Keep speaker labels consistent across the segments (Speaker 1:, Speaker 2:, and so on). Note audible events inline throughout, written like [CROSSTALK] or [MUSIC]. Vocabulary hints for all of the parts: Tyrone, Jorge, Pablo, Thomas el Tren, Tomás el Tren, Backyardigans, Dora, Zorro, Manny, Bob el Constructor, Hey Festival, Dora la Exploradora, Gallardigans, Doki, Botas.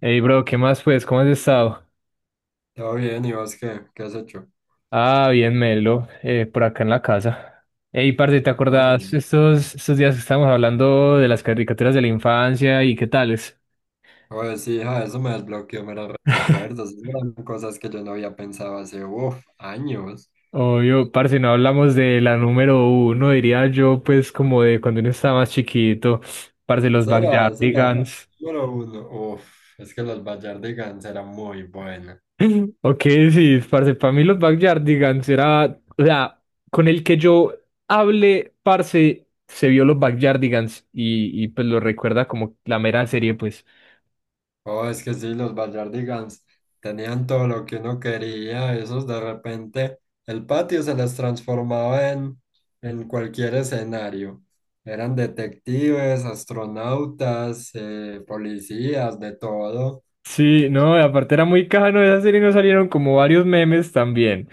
Speaker 1: Hey, bro, ¿qué más pues? ¿Cómo has estado?
Speaker 2: Todo bien, ¿y vos qué? ¿Qué has hecho?
Speaker 1: Ah, bien, Melo, por acá en la casa. Hey, parce, ¿te
Speaker 2: Ah,
Speaker 1: acordás
Speaker 2: bueno.
Speaker 1: estos días que estábamos hablando de las caricaturas de la infancia y qué tales?
Speaker 2: Oye, sí, hija, eso me desbloqueó meros recuerdos.
Speaker 1: [LAUGHS]
Speaker 2: Esas eran cosas que yo no había pensado hace, años.
Speaker 1: Obvio, parce, no hablamos de la número uno, diría yo, pues como de cuando uno estaba más chiquito, parce, los
Speaker 2: Será, será.
Speaker 1: Backyardigans.
Speaker 2: Número uno, uff, es que los Gallardigans eran muy buenos.
Speaker 1: [LAUGHS] Ok, sí, parce, para mí los Backyardigans era, o sea, con el que yo hable, parce, se vio los Backyardigans y pues lo recuerda como la mera serie, pues.
Speaker 2: Oh, es que sí, los Gallardigans tenían todo lo que uno quería. Esos de repente, el patio se les transformaba en cualquier escenario. Eran detectives, astronautas, policías, de todo.
Speaker 1: Sí, no, y aparte era muy cajano esa serie, nos salieron como varios memes también.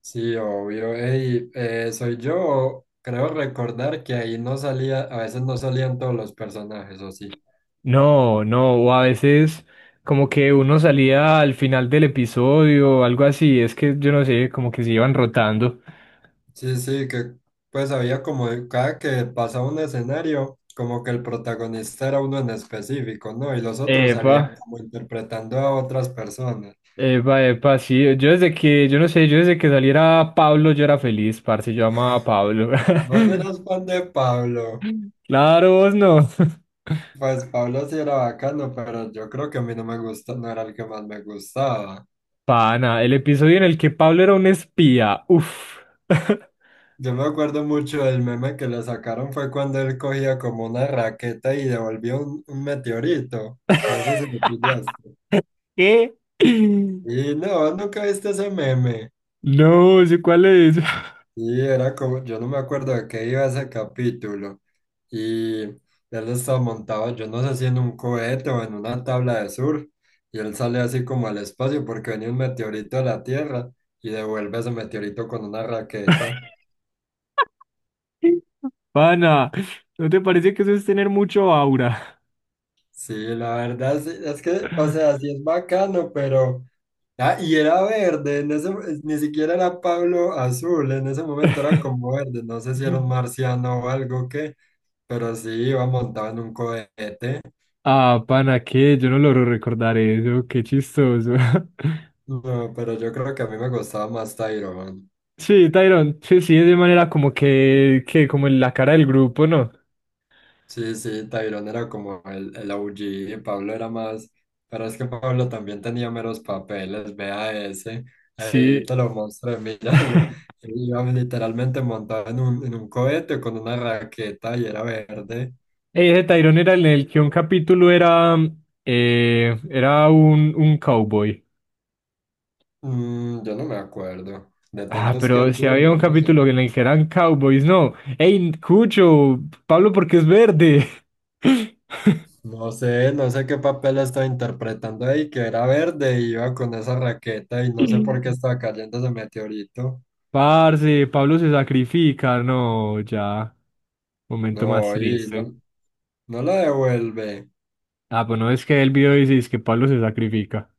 Speaker 2: Sí, obvio. Ey, soy yo. Creo recordar que ahí no salía, a veces no salían todos los personajes, ¿o sí?
Speaker 1: No, no, o a veces como que uno salía al final del episodio o algo así, es que yo no sé, como que se iban rotando.
Speaker 2: Sí, sí, que pues había como cada que pasaba un escenario, como que el protagonista era uno en específico, ¿no? Y los otros
Speaker 1: Epa.
Speaker 2: salían como interpretando a otras personas.
Speaker 1: Epa, epa, sí, yo no sé, yo desde que saliera Pablo yo era feliz, parce, yo amaba a Pablo.
Speaker 2: Vos eras
Speaker 1: [LAUGHS]
Speaker 2: fan de Pablo.
Speaker 1: Claro, vos no. [LAUGHS]
Speaker 2: Pues Pablo sí era bacano, pero yo creo que a mí no me gusta, no era el que más me gustaba.
Speaker 1: Pana, el episodio en el que Pablo era un espía. Uf. [LAUGHS]
Speaker 2: Yo me acuerdo mucho del meme que le sacaron fue cuando él cogía como una raqueta y devolvió un meteorito. No sé si lo pillaste.
Speaker 1: ¿Qué?
Speaker 2: Y no, nunca viste ese meme.
Speaker 1: No, sé cuál es.
Speaker 2: Y era como, yo no me acuerdo de qué iba ese capítulo. Y él estaba montado, yo no sé si en un cohete o en una tabla de surf. Y él sale así como al espacio porque venía un meteorito a la Tierra y devuelve ese meteorito con una raqueta.
Speaker 1: [LAUGHS] Pana, ¿no te parece que eso es tener mucho aura?
Speaker 2: Sí, la verdad sí, es que, o sea, sí es bacano, pero... Ah, y era verde, en ese- ni siquiera era Pablo azul, en ese momento era
Speaker 1: [LAUGHS]
Speaker 2: como verde, no sé si era un marciano o algo que, pero sí iba montado en un cohete.
Speaker 1: Ah, pana, ¿qué? Yo no logro recordar eso, qué chistoso. [LAUGHS]
Speaker 2: No, pero yo creo que a mí me gustaba más Tyrone.
Speaker 1: Sí, Tyron, sí, sí, es de manera como que como en la cara del grupo, ¿no?
Speaker 2: Sí, sí, Tyrone era como el OG, y Pablo era más, pero es que Pablo también tenía meros papeles, vea ese, ahí
Speaker 1: Sí.
Speaker 2: te lo mostré, [LAUGHS] míralo.
Speaker 1: [LAUGHS]
Speaker 2: Iba literalmente montado en un cohete con una raqueta y era verde.
Speaker 1: Ese Tyrone era en el que un capítulo era, era un cowboy.
Speaker 2: Mm, yo no me acuerdo. De
Speaker 1: Ah,
Speaker 2: tantos que
Speaker 1: pero
Speaker 2: han
Speaker 1: si
Speaker 2: sido,
Speaker 1: había
Speaker 2: yo
Speaker 1: un
Speaker 2: no sé.
Speaker 1: capítulo en el que eran cowboys, no. Ey, Cucho, Pablo porque es verde.
Speaker 2: No sé, no sé qué papel estaba interpretando ahí, que era verde y iba con esa raqueta y no sé por qué
Speaker 1: [LAUGHS]
Speaker 2: estaba cayendo ese meteorito.
Speaker 1: Parce, Pablo se sacrifica, no, ya. Momento más
Speaker 2: No, y
Speaker 1: triste.
Speaker 2: no, no la devuelve.
Speaker 1: Ah, pues no es que el video dice es que Pablo se sacrifica.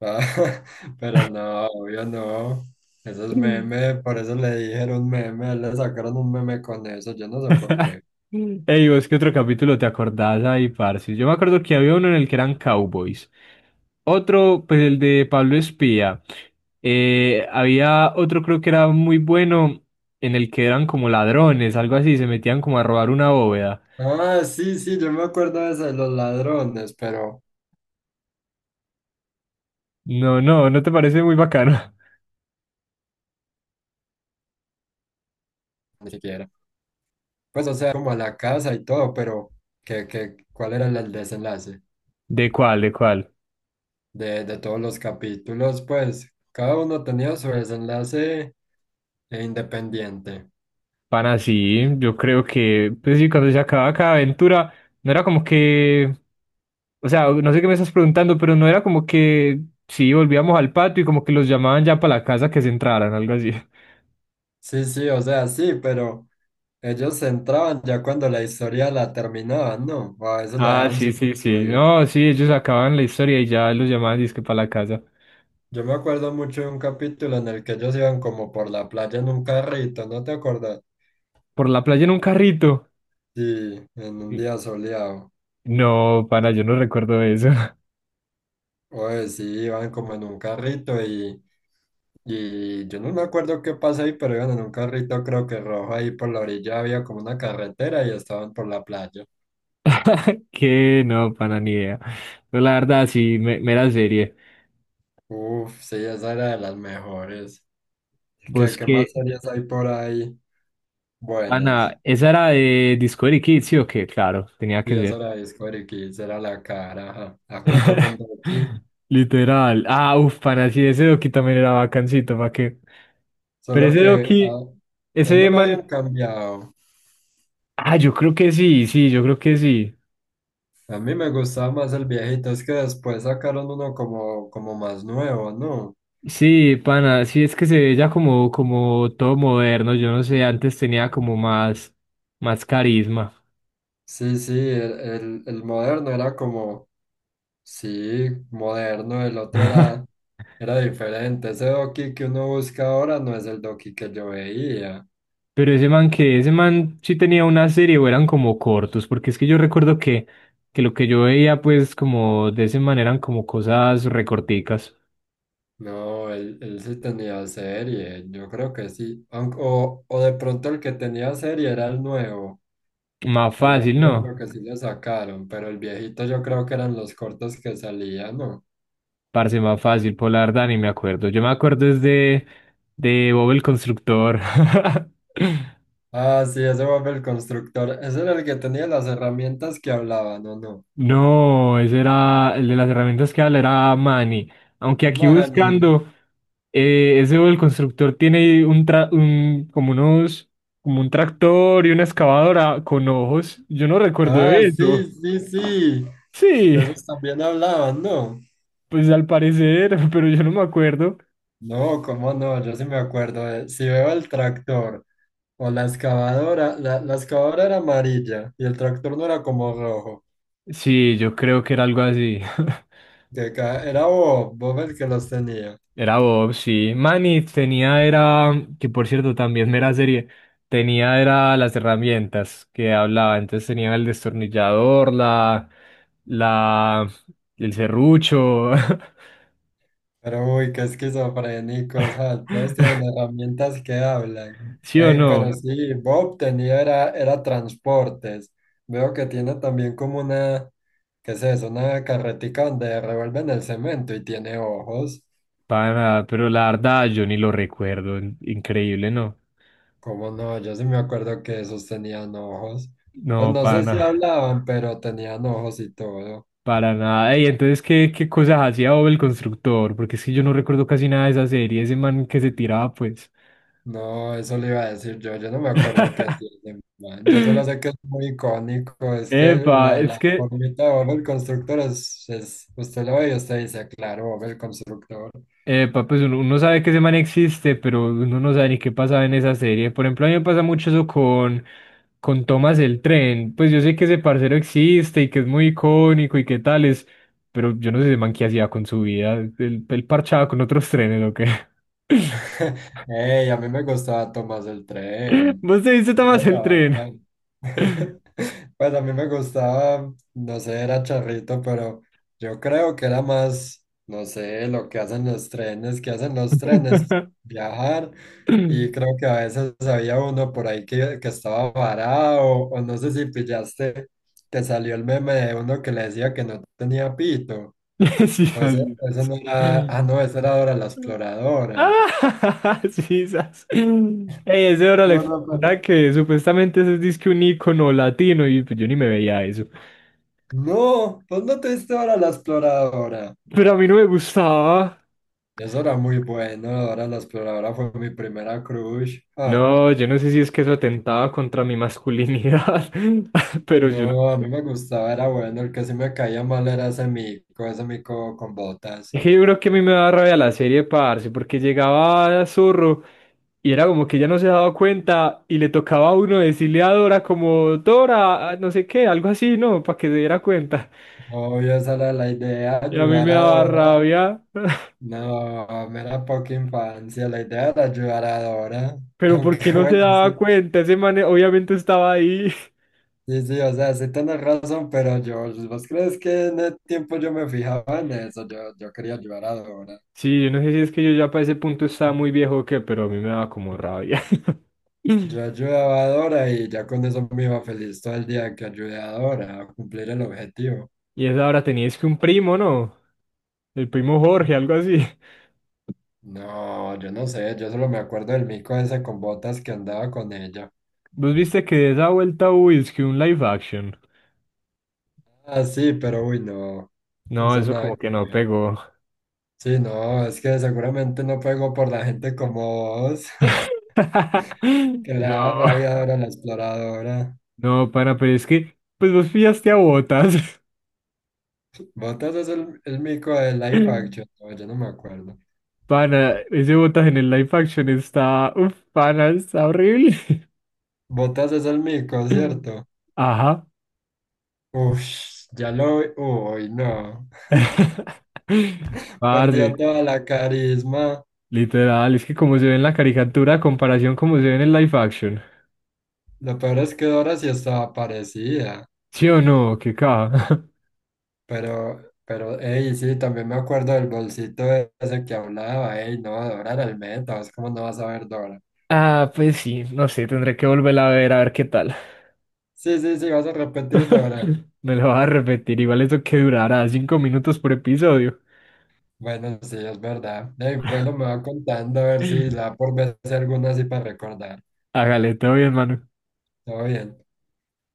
Speaker 2: Ah, [LAUGHS] pero no, obvio no. Eso es meme, por eso le dijeron meme, le sacaron un meme con eso, yo no sé por qué.
Speaker 1: Ey, vos, ¿qué otro capítulo te acordás ahí, parce? Yo me acuerdo que había uno en el que eran cowboys. Otro, pues el de Pablo Espía. Había otro, creo que era muy bueno, en el que eran como ladrones, algo así, se metían como a robar una bóveda.
Speaker 2: Ah, sí, sí, yo me acuerdo de ese, los ladrones, pero
Speaker 1: No, no, ¿no te parece muy bacano?
Speaker 2: ni siquiera. Pues, o sea, como a la casa y todo, pero ¿qué, qué, cuál era el desenlace
Speaker 1: [LAUGHS] ¿De cuál, de cuál?
Speaker 2: de todos los capítulos? Pues, cada uno tenía su desenlace independiente.
Speaker 1: Pana, sí, yo creo que, pues sí, cuando se acababa cada aventura, no era como que, o sea, no sé qué me estás preguntando, pero no era como que, sí, volvíamos al patio y como que los llamaban ya para la casa que se entraran, algo así. [LAUGHS]
Speaker 2: Sí, sí, o sea, sí, pero ellos se entraban ya cuando la historia la terminaban, ¿no? O a veces la
Speaker 1: Ah,
Speaker 2: dejaban
Speaker 1: sí,
Speaker 2: sin
Speaker 1: sí, sí,
Speaker 2: concluir.
Speaker 1: no, sí, ellos acababan la historia y ya los llamaban disque para la casa.
Speaker 2: Yo me acuerdo mucho de un capítulo en el que ellos iban como por la playa en un carrito, ¿no te acuerdas?
Speaker 1: Por la playa en un carrito.
Speaker 2: Sí, en un
Speaker 1: Y-
Speaker 2: día soleado.
Speaker 1: No, pana, yo no recuerdo eso.
Speaker 2: Oye, sí, iban como en un carrito y yo no me acuerdo qué pasa ahí, pero iban en un carrito, creo que rojo, ahí por la orilla había como una carretera y estaban por la playa.
Speaker 1: [LAUGHS] Que no, pana, ni idea. Pero la verdad, sí, mera serie.
Speaker 2: Uf, sí, esa era de las mejores. ¿Qué,
Speaker 1: ¿Vos
Speaker 2: qué más
Speaker 1: qué,
Speaker 2: series hay por ahí? Buenas.
Speaker 1: Ana, esa era de Discovery Kids, ¿sí o qué? Claro, tenía que
Speaker 2: Y esa
Speaker 1: ser.
Speaker 2: era Discovery Kids, era la cara, ajá. Ah, junto con
Speaker 1: [LAUGHS]
Speaker 2: Doki.
Speaker 1: Literal. Ah, uff, pana, sí, ese Doki también era bacancito, ¿para qué? Pero
Speaker 2: Solo
Speaker 1: ese
Speaker 2: que
Speaker 1: Doki,
Speaker 2: él no
Speaker 1: ese
Speaker 2: lo habían
Speaker 1: man.
Speaker 2: cambiado.
Speaker 1: Ah, yo creo que sí, sí, yo creo que sí.
Speaker 2: A mí me gustaba más el viejito, es que después sacaron uno como, como más nuevo, ¿no?
Speaker 1: Sí, pana, sí, es que se ve ya como, como todo moderno, yo no sé, antes tenía como más, más carisma.
Speaker 2: Sí, sí, el, el moderno era como... Sí, moderno, el otro era,
Speaker 1: [LAUGHS]
Speaker 2: era diferente. Ese Doki que uno busca ahora no es el Doki que yo veía.
Speaker 1: Pero ese man que, ese man sí tenía una serie o eran como cortos, porque es que que lo que yo veía pues como de ese man eran como cosas recorticas.
Speaker 2: No, él sí tenía serie, yo creo que sí. Aunque... O, o de pronto el que tenía serie era el nuevo.
Speaker 1: Más
Speaker 2: El nuevo
Speaker 1: fácil,
Speaker 2: yo creo
Speaker 1: ¿no?
Speaker 2: que sí le sacaron, pero el viejito yo creo que eran los cortos que salían, ¿no?
Speaker 1: Parce, más fácil, por la verdad ni me acuerdo. Yo me acuerdo es de Bob el Constructor. [LAUGHS]
Speaker 2: Ah, sí, ese Bob el Constructor. Ese era el que tenía las herramientas que hablaban, ¿o no?
Speaker 1: No, ese era el de las herramientas que habla, era Manny. Aunque aquí
Speaker 2: Manny.
Speaker 1: buscando, ese el constructor tiene un como unos, como un tractor y una excavadora con ojos. Yo no recuerdo
Speaker 2: Ah,
Speaker 1: de
Speaker 2: sí,
Speaker 1: eso.
Speaker 2: sí, sí. De
Speaker 1: Sí,
Speaker 2: esos también hablaban, ¿no?
Speaker 1: pues al parecer, [LAUGHS] pero yo no me acuerdo.
Speaker 2: No, cómo no, yo sí me acuerdo. De- si veo el tractor o la excavadora, la excavadora era amarilla y el tractor no era como rojo.
Speaker 1: Sí, yo creo que era algo así. [LAUGHS]
Speaker 2: Que ca- era Bob, Bob el que los tenía.
Speaker 1: Era Bob, sí. Manny tenía, era, que por cierto también era serie, tenía, era las herramientas que hablaba. Entonces tenía el destornillador, la, el serrucho.
Speaker 2: Pero uy, qué esquizofrénicos, ah, todos tienen
Speaker 1: [LAUGHS]
Speaker 2: herramientas que hablan.
Speaker 1: ¿Sí o
Speaker 2: Ey, pero
Speaker 1: no?
Speaker 2: sí, Bob tenía era, era transportes. Veo que tiene también como una, ¿qué es eso? Una carretica donde revuelven el cemento y tiene ojos.
Speaker 1: Para nada, pero la verdad yo ni lo recuerdo. Increíble, ¿no?
Speaker 2: ¿Cómo no? Yo sí me acuerdo que esos tenían ojos. Pues
Speaker 1: No,
Speaker 2: no
Speaker 1: para
Speaker 2: sé si
Speaker 1: nada.
Speaker 2: hablaban, pero tenían ojos y todo.
Speaker 1: Para nada. Ey, entonces, qué cosas hacía Bob el constructor? Porque es que yo no recuerdo casi nada de esa serie, ese man que se tiraba, pues.
Speaker 2: No, eso le iba a decir yo, yo no me acuerdo qué hacía ese man. Yo solo sé que
Speaker 1: [LAUGHS]
Speaker 2: es muy icónico, es que
Speaker 1: Epa,
Speaker 2: la
Speaker 1: es que
Speaker 2: formita de Bob el Constructor es- usted lo ve y usted dice, claro, Bob el Constructor.
Speaker 1: Epa, pues uno, uno sabe que ese man existe, pero uno no sabe ni qué pasaba en esa serie. Por ejemplo, a mí me pasa mucho eso con Thomas el Tren. Pues yo sé que ese parcero existe y que es muy icónico y qué tales, pero yo no sé ese man qué hacía con su vida. Él parchaba con otros [LAUGHS] trenes o qué.
Speaker 2: [LAUGHS] Ey, a mí me gustaba Tomás el
Speaker 1: [LAUGHS]
Speaker 2: Tren.
Speaker 1: ¿Vos te viste
Speaker 2: Esa
Speaker 1: Thomas el
Speaker 2: era
Speaker 1: Tren?
Speaker 2: bacán. [LAUGHS] Pues a mí me gustaba, no sé, era charrito, pero yo creo que era más, no sé, lo que hacen los trenes, que hacen los trenes,
Speaker 1: [LAUGHS]
Speaker 2: viajar. Y creo que a veces había uno por ahí que estaba varado, o no sé si pillaste que salió el meme de uno que le decía que no tenía pito.
Speaker 1: Sí,
Speaker 2: O
Speaker 1: así
Speaker 2: eso
Speaker 1: es.
Speaker 2: no era, ah, no, esa era Dora la Exploradora.
Speaker 1: Ah, [LAUGHS] sí, sas. Ey, ese era la
Speaker 2: No, no, pero...
Speaker 1: verdad que supuestamente ese es disque un icono latino y pues yo ni me veía eso.
Speaker 2: no, pues no te diste Dora la Exploradora.
Speaker 1: Pero a mí no me gustaba.
Speaker 2: Eso era muy bueno, Dora la Exploradora fue mi primera crush. Ah,
Speaker 1: No, yo no sé si es que eso atentaba contra mi masculinidad, [LAUGHS] pero yo no.
Speaker 2: no, a mí me gustaba, era bueno, el que sí me caía mal era ese mico con botas.
Speaker 1: Es que yo creo que a mí me daba rabia la serie, parce, porque llegaba Zorro y era como que ya no se daba cuenta y le tocaba a uno decirle a Dora como, Dora, ah, no sé qué, algo así, ¿no? Para que se diera cuenta.
Speaker 2: Obvio, esa era la idea,
Speaker 1: Y a mí
Speaker 2: ayudar
Speaker 1: me
Speaker 2: a
Speaker 1: daba
Speaker 2: Dora.
Speaker 1: rabia, [LAUGHS]
Speaker 2: No, mera poca infancia, la idea era ayudar a Dora.
Speaker 1: pero ¿por
Speaker 2: Aunque
Speaker 1: qué
Speaker 2: [LAUGHS]
Speaker 1: no se
Speaker 2: bueno,
Speaker 1: daba
Speaker 2: sí,
Speaker 1: cuenta? Ese man obviamente estaba ahí. [LAUGHS]
Speaker 2: sí, sí, o sea, sí tienes razón, pero yo, ¿vos crees que en el tiempo yo me fijaba en eso? Yo quería ayudar a Dora.
Speaker 1: Sí, yo no sé si es que yo ya para ese punto estaba muy viejo o qué, pero a mí me daba como rabia. [LAUGHS]
Speaker 2: Yo ayudaba a Dora y ya con eso me iba feliz todo el día que ayudé a Dora a cumplir el objetivo.
Speaker 1: Y esa hora teníais que un primo, ¿no? El primo Jorge, algo así. [LAUGHS]
Speaker 2: No, yo no sé, yo solo me acuerdo del mico ese con botas que andaba con ella.
Speaker 1: ¿Vos viste que de esa vuelta hubo es que un live action?
Speaker 2: Ah, sí, pero uy, no,
Speaker 1: No,
Speaker 2: eso
Speaker 1: eso como
Speaker 2: nada que
Speaker 1: que no
Speaker 2: ver.
Speaker 1: pegó.
Speaker 2: Sí, no, es que seguramente no pego por la gente como vos, [LAUGHS] que
Speaker 1: [LAUGHS]
Speaker 2: le da
Speaker 1: No,
Speaker 2: rabia Dora la Exploradora.
Speaker 1: no, pana, pero es que, pues vos pillaste a Botas.
Speaker 2: Botas es el mico de Life Action,
Speaker 1: [LAUGHS]
Speaker 2: no, yo no me acuerdo.
Speaker 1: Pana, ese botas en el live action está. Uf, pana, está horrible.
Speaker 2: Botas es el mico,
Speaker 1: [LAUGHS]
Speaker 2: ¿cierto?
Speaker 1: Ajá.
Speaker 2: Uff, ya lo vi, uy, no.
Speaker 1: [LAUGHS]
Speaker 2: Perdió
Speaker 1: Parce,
Speaker 2: toda la carisma.
Speaker 1: literal, es que como se ve en la caricatura, a comparación como se ve en el live action.
Speaker 2: Lo peor es que Dora sí estaba parecida.
Speaker 1: ¿Sí o no? ¿Qué caja? [LAUGHS]
Speaker 2: Pero, ey, sí, también me acuerdo del bolsito ese que hablaba. Ey, no, Dora era el meta. ¿Vos cómo no vas a ver Dora?
Speaker 1: Ah, pues sí, no sé, tendré que volverla a ver qué tal.
Speaker 2: Sí, sí, sí, vas a repetir Dora.
Speaker 1: [LAUGHS] Me lo vas a repetir, igual eso que durará 5 minutos por episodio.
Speaker 2: Bueno, sí, es verdad. Ey, bueno, me va contando a ver si
Speaker 1: [LAUGHS]
Speaker 2: la por vez alguna así para recordar.
Speaker 1: Hágale, todo bien, mano.
Speaker 2: Todo bien.